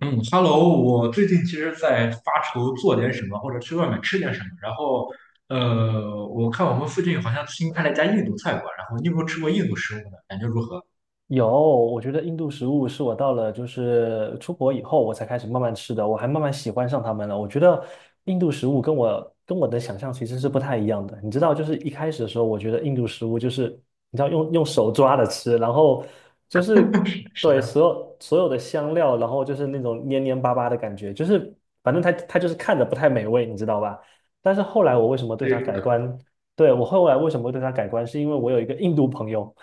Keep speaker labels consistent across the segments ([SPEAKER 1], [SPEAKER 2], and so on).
[SPEAKER 1] 嗯，Hello，我最近其实在发愁做点什么，或者去外面吃点什么。然后，我看我们附近好像新开了一家印度菜馆，然后你有没有吃过印度食物呢？感觉如何？
[SPEAKER 2] 有。我觉得印度食物是我到了就是出国以后我才开始慢慢吃的，我还慢慢喜欢上他们了。我觉得印度食物跟我的想象其实是不太一样的。你知道，就是一开始的时候，我觉得印度食物就是你知道用手抓着吃，然后就是
[SPEAKER 1] 是
[SPEAKER 2] 对
[SPEAKER 1] 的，
[SPEAKER 2] 所有的香料，然后就是那种黏黏巴巴的感觉，就是反正它就是看着不太美味，你知道吧？但是后来我为什么对它
[SPEAKER 1] 对，
[SPEAKER 2] 改观？对。我后来为什么会对它改观，是因为我有一个印度朋友。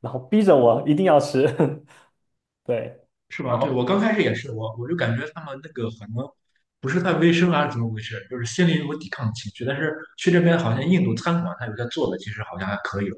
[SPEAKER 2] 然后逼着我一定要吃。对，
[SPEAKER 1] 是
[SPEAKER 2] 然
[SPEAKER 1] 吧？对，我
[SPEAKER 2] 后
[SPEAKER 1] 刚开始也是，我就感觉他们那个可能不是太卫生啊，怎么回事？就是心里有个抵抗情绪。但是去这边好像印度餐馆，他有些做的其实好像还可以哦，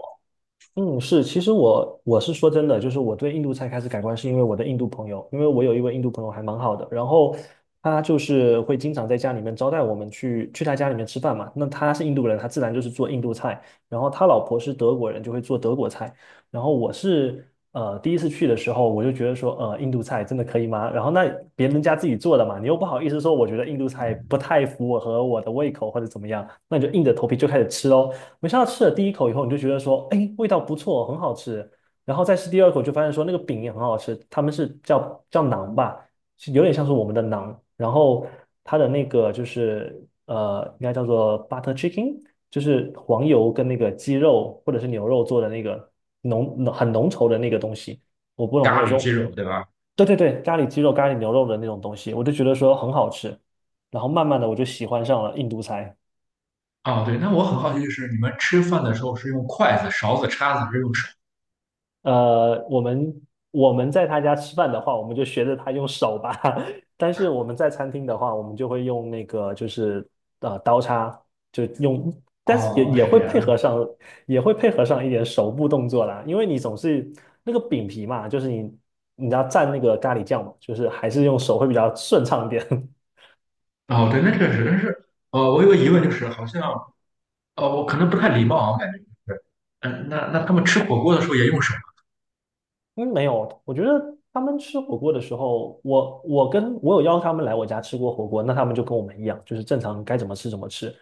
[SPEAKER 2] 嗯，是，其实我是说真的，就是我对印度菜开始改观，是因为我的印度朋友，因为我有一位印度朋友还蛮好的，然后他就是会经常在家里面招待我们去他家里面吃饭嘛。那他是印度人，他自然就是做印度菜，然后他老婆是德国人，就会做德国菜。然后我是第一次去的时候，我就觉得说，印度菜真的可以吗？然后那别人家自己做的嘛，你又不好意思说，我觉得印度菜不太符合我的胃口或者怎么样，那你就硬着头皮就开始吃喽。没想到吃了第一口以后，你就觉得说，哎，味道不错，很好吃。然后再吃第二口，就发现说那个饼也很好吃，他们是叫馕吧，是有点像是我们的馕。然后它的那个就是应该叫做 butter chicken,就是黄油跟那个鸡肉或者是牛肉做的那个很浓稠的那个东西。我不懂那
[SPEAKER 1] 咖
[SPEAKER 2] 个时
[SPEAKER 1] 喱鸡肉，对吧？
[SPEAKER 2] 对对对，咖喱鸡肉、咖喱牛肉的那种东西，我就觉得说很好吃。然后慢慢的我就喜欢上了印度菜。
[SPEAKER 1] 哦，对，那我很好奇，就是你们吃饭的时候是用筷子、勺子、叉子，还是用手？
[SPEAKER 2] 呃，我们我们在他家吃饭的话，我们就学着他用手吧。但是我们在餐厅的话，我们就会用那个就是刀叉，就用，但是也
[SPEAKER 1] 哦，
[SPEAKER 2] 也
[SPEAKER 1] 是
[SPEAKER 2] 会
[SPEAKER 1] 这
[SPEAKER 2] 配
[SPEAKER 1] 样。
[SPEAKER 2] 合上，也会配合上一点手部动作啦。因为你总是那个饼皮嘛，就是你要蘸那个咖喱酱嘛，就是还是用手会比较顺畅一点。
[SPEAKER 1] 哦，对，那确实，但是，哦，我有个疑问，就是好像，哦，我可能不太礼貌啊，我感觉就是，那他们吃火锅的时候也用手吗？
[SPEAKER 2] 嗯，没有，我觉得他们吃火锅的时候，我跟我有邀他们来我家吃过火锅，那他们就跟我们一样，就是正常该怎么吃怎么吃，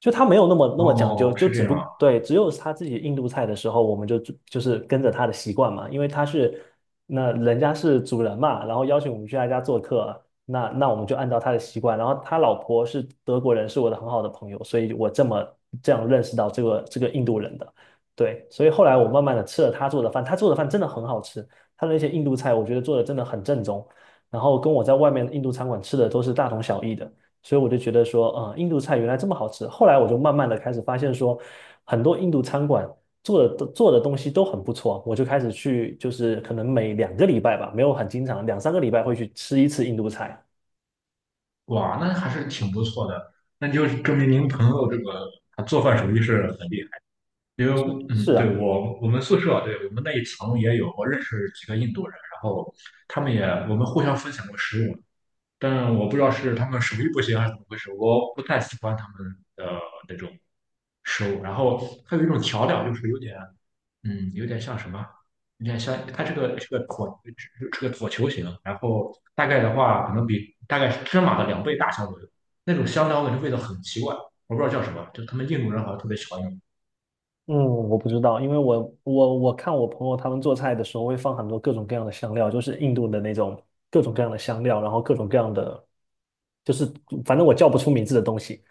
[SPEAKER 2] 就他没有那么讲
[SPEAKER 1] 哦，
[SPEAKER 2] 究，就
[SPEAKER 1] 是
[SPEAKER 2] 只
[SPEAKER 1] 这样啊。
[SPEAKER 2] 不对，只有他自己印度菜的时候，我们就就是跟着他的习惯嘛，因为他是那人家是主人嘛，然后邀请我们去他家做客，那我们就按照他的习惯，然后他老婆是德国人，是我的很好的朋友，所以我这么这样认识到这个印度人的。对，所以后来我慢慢的吃了他做的饭，他做的饭真的很好吃，他的那些印度菜我觉得做的真的很正宗，然后跟我在外面印度餐馆吃的都是大同小异的，所以我就觉得说，印度菜原来这么好吃。后来我就慢慢的开始发现说，很多印度餐馆做的东西都很不错，我就开始去，就是可能每两个礼拜吧，没有很经常，两三个礼拜会去吃一次印度菜。
[SPEAKER 1] 哇，那还是挺不错的，那就证明您朋友这个他做饭手艺是很厉害。因
[SPEAKER 2] 是
[SPEAKER 1] 为，嗯，
[SPEAKER 2] 是
[SPEAKER 1] 对，
[SPEAKER 2] 啊。
[SPEAKER 1] 我们宿舍啊，对我们那一层也有，我认识几个印度人，然后他们也，我们互相分享过食物，但我不知道是他们手艺不行还是怎么回事，我不太喜欢他们的那种食物。然后还有一种调料，就是有点，有点像什么？有点像，它是个，椭球形，然后大概的话，可能比，大概是芝麻的两倍大小左右。那种香料我感觉味道很奇怪，我不知道叫什么，就他们印度人好像特别喜欢用。
[SPEAKER 2] 嗯，我不知道，因为我看我朋友他们做菜的时候会放很多各种各样的香料，就是印度的那种各种各样的香料，然后各种各样的，就是反正我叫不出名字的东西，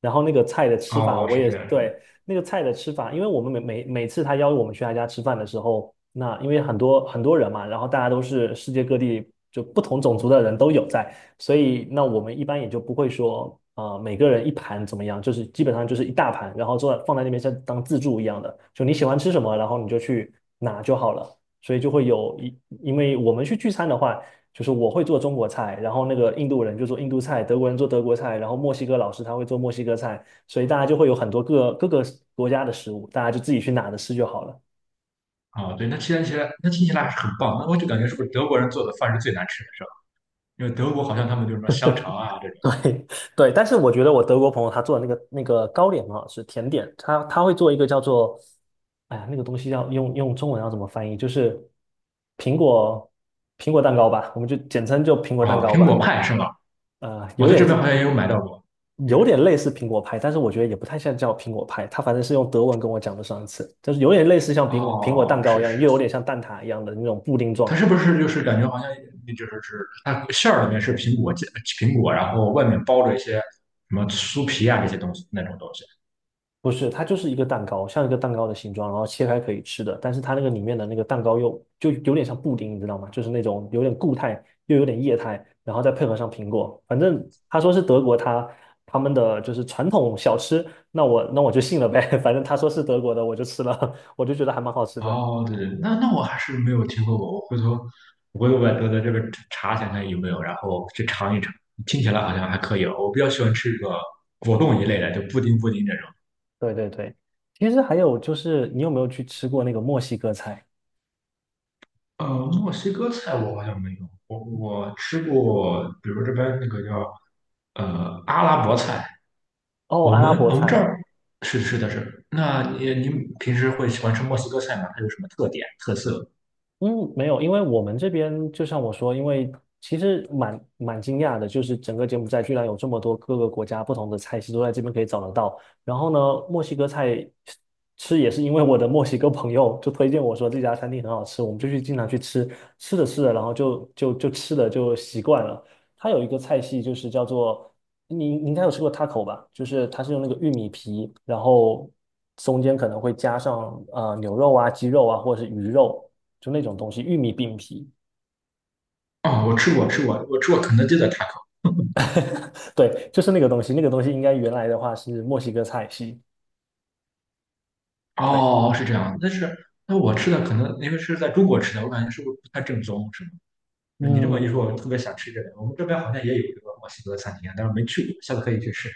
[SPEAKER 2] 然后那个菜的吃法，
[SPEAKER 1] 哦，
[SPEAKER 2] 我
[SPEAKER 1] 是
[SPEAKER 2] 也
[SPEAKER 1] 这样的。
[SPEAKER 2] 对那个菜的吃法，因为我们每次他邀我们去他家吃饭的时候，那因为很多很多人嘛，然后大家都是世界各地就不同种族的人都有在，所以那我们一般也就不会说啊、每个人一盘怎么样，就是基本上就是一大盘，然后坐放在那边像当自助一样的，就你喜欢吃什么，然后你就去拿就好了。所以就会有一，因为我们去聚餐的话。就是我会做中国菜，然后那个印度人就做印度菜，德国人做德国菜，然后墨西哥老师他会做墨西哥菜，所以大家就会有很多各各个国家的食物，大家就自己去拿着吃就好了。
[SPEAKER 1] 哦，对，那听起来还是很棒。那我就感觉是不是德国人做的饭是最难吃的，是吧？因为德国好像他们就是什么香肠啊这种。
[SPEAKER 2] 对对，但是我觉得我德国朋友他做的那个糕点很好吃，甜点，他会做一个叫做，哎呀，那个东西要用中文要怎么翻译？就是苹果苹果蛋糕吧，我们就简称就苹果蛋
[SPEAKER 1] 哦，
[SPEAKER 2] 糕
[SPEAKER 1] 苹
[SPEAKER 2] 吧。
[SPEAKER 1] 果派是吗？
[SPEAKER 2] 呃，
[SPEAKER 1] 我
[SPEAKER 2] 有
[SPEAKER 1] 在这边
[SPEAKER 2] 点
[SPEAKER 1] 好像也有买到过。有。
[SPEAKER 2] 有点类似苹果派，但是我觉得也不太像叫苹果派，它反正是用德文跟我讲的上一次，就是有点类似像苹果蛋
[SPEAKER 1] 哦，
[SPEAKER 2] 糕一
[SPEAKER 1] 是
[SPEAKER 2] 样，
[SPEAKER 1] 是，
[SPEAKER 2] 又有点像蛋挞一样的那种布丁状
[SPEAKER 1] 它
[SPEAKER 2] 的。
[SPEAKER 1] 是不是就是感觉好像就是，它馅儿里面是苹果，然后外面包着一些什么酥皮啊这些东西，那种东西？
[SPEAKER 2] 不是，它就是一个蛋糕，像一个蛋糕的形状，然后切开可以吃的，但是它那个里面的那个蛋糕又就有点像布丁，你知道吗？就是那种有点固态又有点液态，然后再配合上苹果，反正他说是德国他们的就是传统小吃，那我就信了呗。反正他说是德国的，我就吃了，我就觉得还蛮好吃的。
[SPEAKER 1] 哦，对对，那我还是没有听说过。我回头百度的这个查一下看有没有，然后去尝一尝。听起来好像还可以哦，我比较喜欢吃这个果冻一类的，就布丁这种。
[SPEAKER 2] 对对对，其实还有就是，你有没有去吃过那个墨西哥菜？
[SPEAKER 1] 呃，墨西哥菜我好像没有，我吃过，比如这边那个叫，阿拉伯菜。
[SPEAKER 2] 哦，
[SPEAKER 1] 我
[SPEAKER 2] 阿拉
[SPEAKER 1] 们
[SPEAKER 2] 伯
[SPEAKER 1] 我们这
[SPEAKER 2] 菜。
[SPEAKER 1] 儿，是是的，是。那你，您平时会喜欢吃墨西哥菜吗？它有什么特点特色？
[SPEAKER 2] 嗯，没有，因为我们这边就像我说，因为其实蛮惊讶的，就是整个柬埔寨居然有这么多各个国家不同的菜系都在这边可以找得到。然后呢，墨西哥菜吃也是因为我的墨西哥朋友就推荐我说这家餐厅很好吃，我们就去经常去吃，吃着吃着，然后就吃的就习惯了。它有一个菜系就是叫做。你应该有吃过 taco 吧？就是它是用那个玉米皮，然后中间可能会加上牛肉啊、鸡肉啊，或者是鱼肉，就那种东西，玉米饼皮。
[SPEAKER 1] 哦，我吃过，我吃过肯德基的 taco。
[SPEAKER 2] 对，就是那个东西。那个东西应该原来的话是墨西哥菜系。对。
[SPEAKER 1] 哦，是这样，但是，那我吃的可能因为是在中国吃的，我感觉是不是不太正宗，是吗？你这么一说，
[SPEAKER 2] 嗯，
[SPEAKER 1] 我特别想吃这个。我们这边好像也有这个墨西哥餐厅啊，但是没去过，下次可以去试试。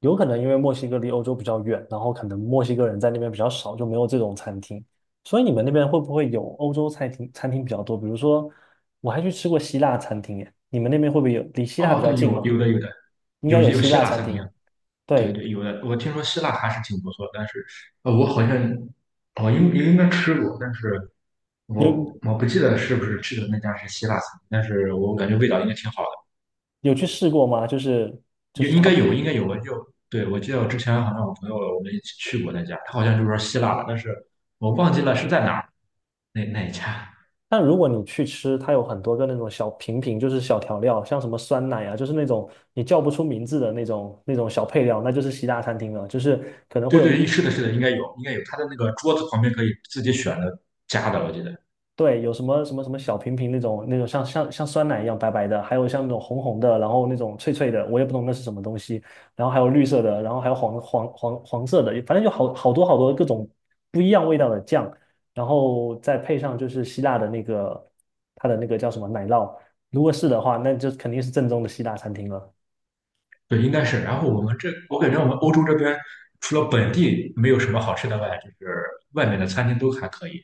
[SPEAKER 2] 有可能因为墨西哥离欧洲比较远，然后可能墨西哥人在那边比较少，就没有这种餐厅。所以你们那边会不会有欧洲餐厅比较多？比如说，我还去吃过希腊餐厅耶。你们那边会不会有？离希腊
[SPEAKER 1] 哦，
[SPEAKER 2] 比较
[SPEAKER 1] 对，
[SPEAKER 2] 近
[SPEAKER 1] 有
[SPEAKER 2] 吗？
[SPEAKER 1] 有的有的。
[SPEAKER 2] 应该
[SPEAKER 1] 有，
[SPEAKER 2] 有
[SPEAKER 1] 有
[SPEAKER 2] 希
[SPEAKER 1] 希
[SPEAKER 2] 腊
[SPEAKER 1] 腊
[SPEAKER 2] 餐
[SPEAKER 1] 餐厅
[SPEAKER 2] 厅。
[SPEAKER 1] 啊。对
[SPEAKER 2] 对。
[SPEAKER 1] 对，有的。我听说希腊还是挺不错，但是，我好像，我应
[SPEAKER 2] 嗯
[SPEAKER 1] 应该吃过，但是，我
[SPEAKER 2] 有
[SPEAKER 1] 我不记得是不是吃的那家是希腊餐，但是我感觉味道应该挺好的。
[SPEAKER 2] 有去试过吗？就是，
[SPEAKER 1] 也应该有，应该有。我就，对，我记得我之前好像，我朋友我们一起去过那家，他好像就说希腊的，但是我忘记了是在哪儿，那一家。
[SPEAKER 2] 但如果你去吃，它有很多个那种小瓶瓶，就是小调料，像什么酸奶啊，就是那种你叫不出名字的那种小配料，那就是西大餐厅了。就是可能会
[SPEAKER 1] 对
[SPEAKER 2] 有一个
[SPEAKER 1] 对，是的，是的，应该有，应该有。他的那个桌子旁边可以自己选的，加的，我记得。
[SPEAKER 2] 对，有什么什么什么小瓶瓶那种像酸奶一样白白的，还有像那种红红的，然后那种脆脆的，我也不懂那是什么东西。然后还有绿色的，然后还有黄色的，反正就好好多好多各种不一样味道的酱，然后再配上就是希腊的那个它的那个叫什么奶酪，如果是的话，那就肯定是正宗的希腊餐厅了。
[SPEAKER 1] 对，应该是。然后我们这，我感觉我们欧洲这边除了本地没有什么好吃的外，就是外面的餐厅都还可以。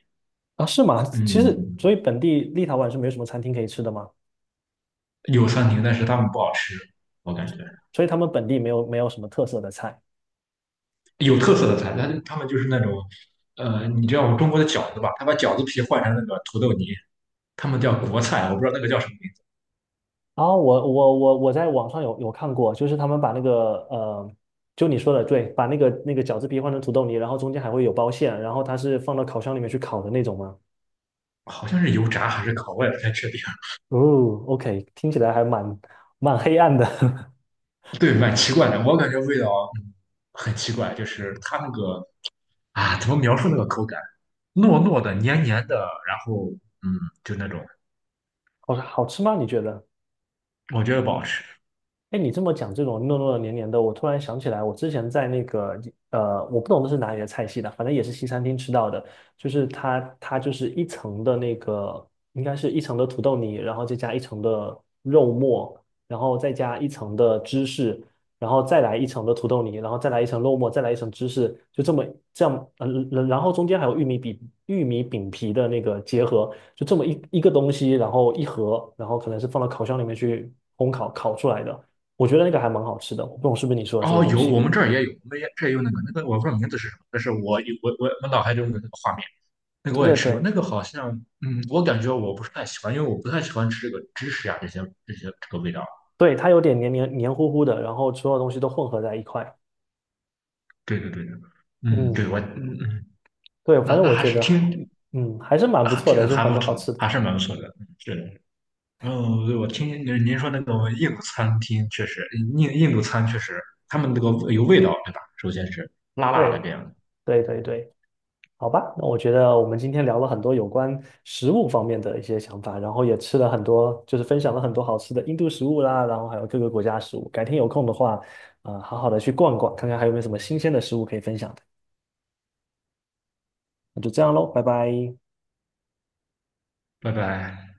[SPEAKER 2] 啊，是吗？其实
[SPEAKER 1] 嗯，
[SPEAKER 2] 所以本地立陶宛是没有什么餐厅可以吃的吗？
[SPEAKER 1] 有餐厅，但是他们不好吃，我感觉，
[SPEAKER 2] 所以他们本地没有什么特色的菜。
[SPEAKER 1] 有特色的餐，但是他们就是那种，你知道我们中国的饺子吧？他把饺子皮换成那个土豆泥，他们叫国菜，我不知道那个叫什么名字，
[SPEAKER 2] 然后我在网上有看过，就是他们把那个就你说的对，把那个饺子皮换成土豆泥，然后中间还会有包馅，然后它是放到烤箱里面去烤的那种吗？
[SPEAKER 1] 好像是油炸还是烤，我也不太确定。
[SPEAKER 2] 哦，OK,听起来还蛮黑暗的。
[SPEAKER 1] 对，蛮奇怪的，我感觉味道，嗯很奇怪，就是它那个啊，怎么描述那个口感？糯糯的、黏黏的，然后，嗯，就那种。
[SPEAKER 2] 好好吃吗？你觉得？
[SPEAKER 1] 我觉得不好吃。
[SPEAKER 2] 哎，你这么讲这种糯糯的黏黏的，我突然想起来，我之前在那个我不懂这是哪里的菜系的，反正也是西餐厅吃到的，就是它就是一层的那个，应该是一层的土豆泥，然后再加一层的肉末，然后再加一层的芝士，然后再来一层的土豆泥，然后再来一层肉末，再来一层芝士，就这么这样，然后中间还有玉米饼皮的那个结合，就这么一个东西，然后一盒，然后可能是放到烤箱里面去烘烤烤出来的。我觉得那个还蛮好吃的，我不懂是不是你说的这个
[SPEAKER 1] 哦，
[SPEAKER 2] 东
[SPEAKER 1] 有，
[SPEAKER 2] 西。
[SPEAKER 1] 我们这儿也有，我们也这儿也有那个，我不知道名字是什么，但是我有，我脑海中的那个画面，那个
[SPEAKER 2] 对
[SPEAKER 1] 我也
[SPEAKER 2] 对
[SPEAKER 1] 吃过，那
[SPEAKER 2] 对。
[SPEAKER 1] 个好像，嗯，我感觉我不是太喜欢，因为我不太喜欢吃这个芝士呀，这些这个味道。
[SPEAKER 2] 对，它有点黏黏糊糊的，然后所有东西都混合在一块。
[SPEAKER 1] 对对对对，嗯，对，我，
[SPEAKER 2] 嗯，
[SPEAKER 1] 嗯嗯，
[SPEAKER 2] 对，反
[SPEAKER 1] 那
[SPEAKER 2] 正
[SPEAKER 1] 那
[SPEAKER 2] 我
[SPEAKER 1] 还
[SPEAKER 2] 觉
[SPEAKER 1] 是
[SPEAKER 2] 得还，
[SPEAKER 1] 挺
[SPEAKER 2] 嗯，还是蛮不
[SPEAKER 1] 还
[SPEAKER 2] 错的，
[SPEAKER 1] 挺
[SPEAKER 2] 就是
[SPEAKER 1] 还
[SPEAKER 2] 很
[SPEAKER 1] 不
[SPEAKER 2] 多好吃
[SPEAKER 1] 错，
[SPEAKER 2] 的。
[SPEAKER 1] 还是蛮不错的，嗯，是的。嗯，对，我听，您说那个印度餐厅确实，印度餐确实，他们那个有味道，对吧？首先是辣辣的
[SPEAKER 2] 对
[SPEAKER 1] 这样的。
[SPEAKER 2] 对对对，好吧，那我觉得我们今天聊了很多有关食物方面的一些想法，然后也吃了很多，就是分享了很多好吃的印度食物啦，然后还有各个国家食物。改天有空的话，好好的去逛逛，看看还有没有什么新鲜的食物可以分享的。那就这样喽，拜拜。
[SPEAKER 1] 拜拜。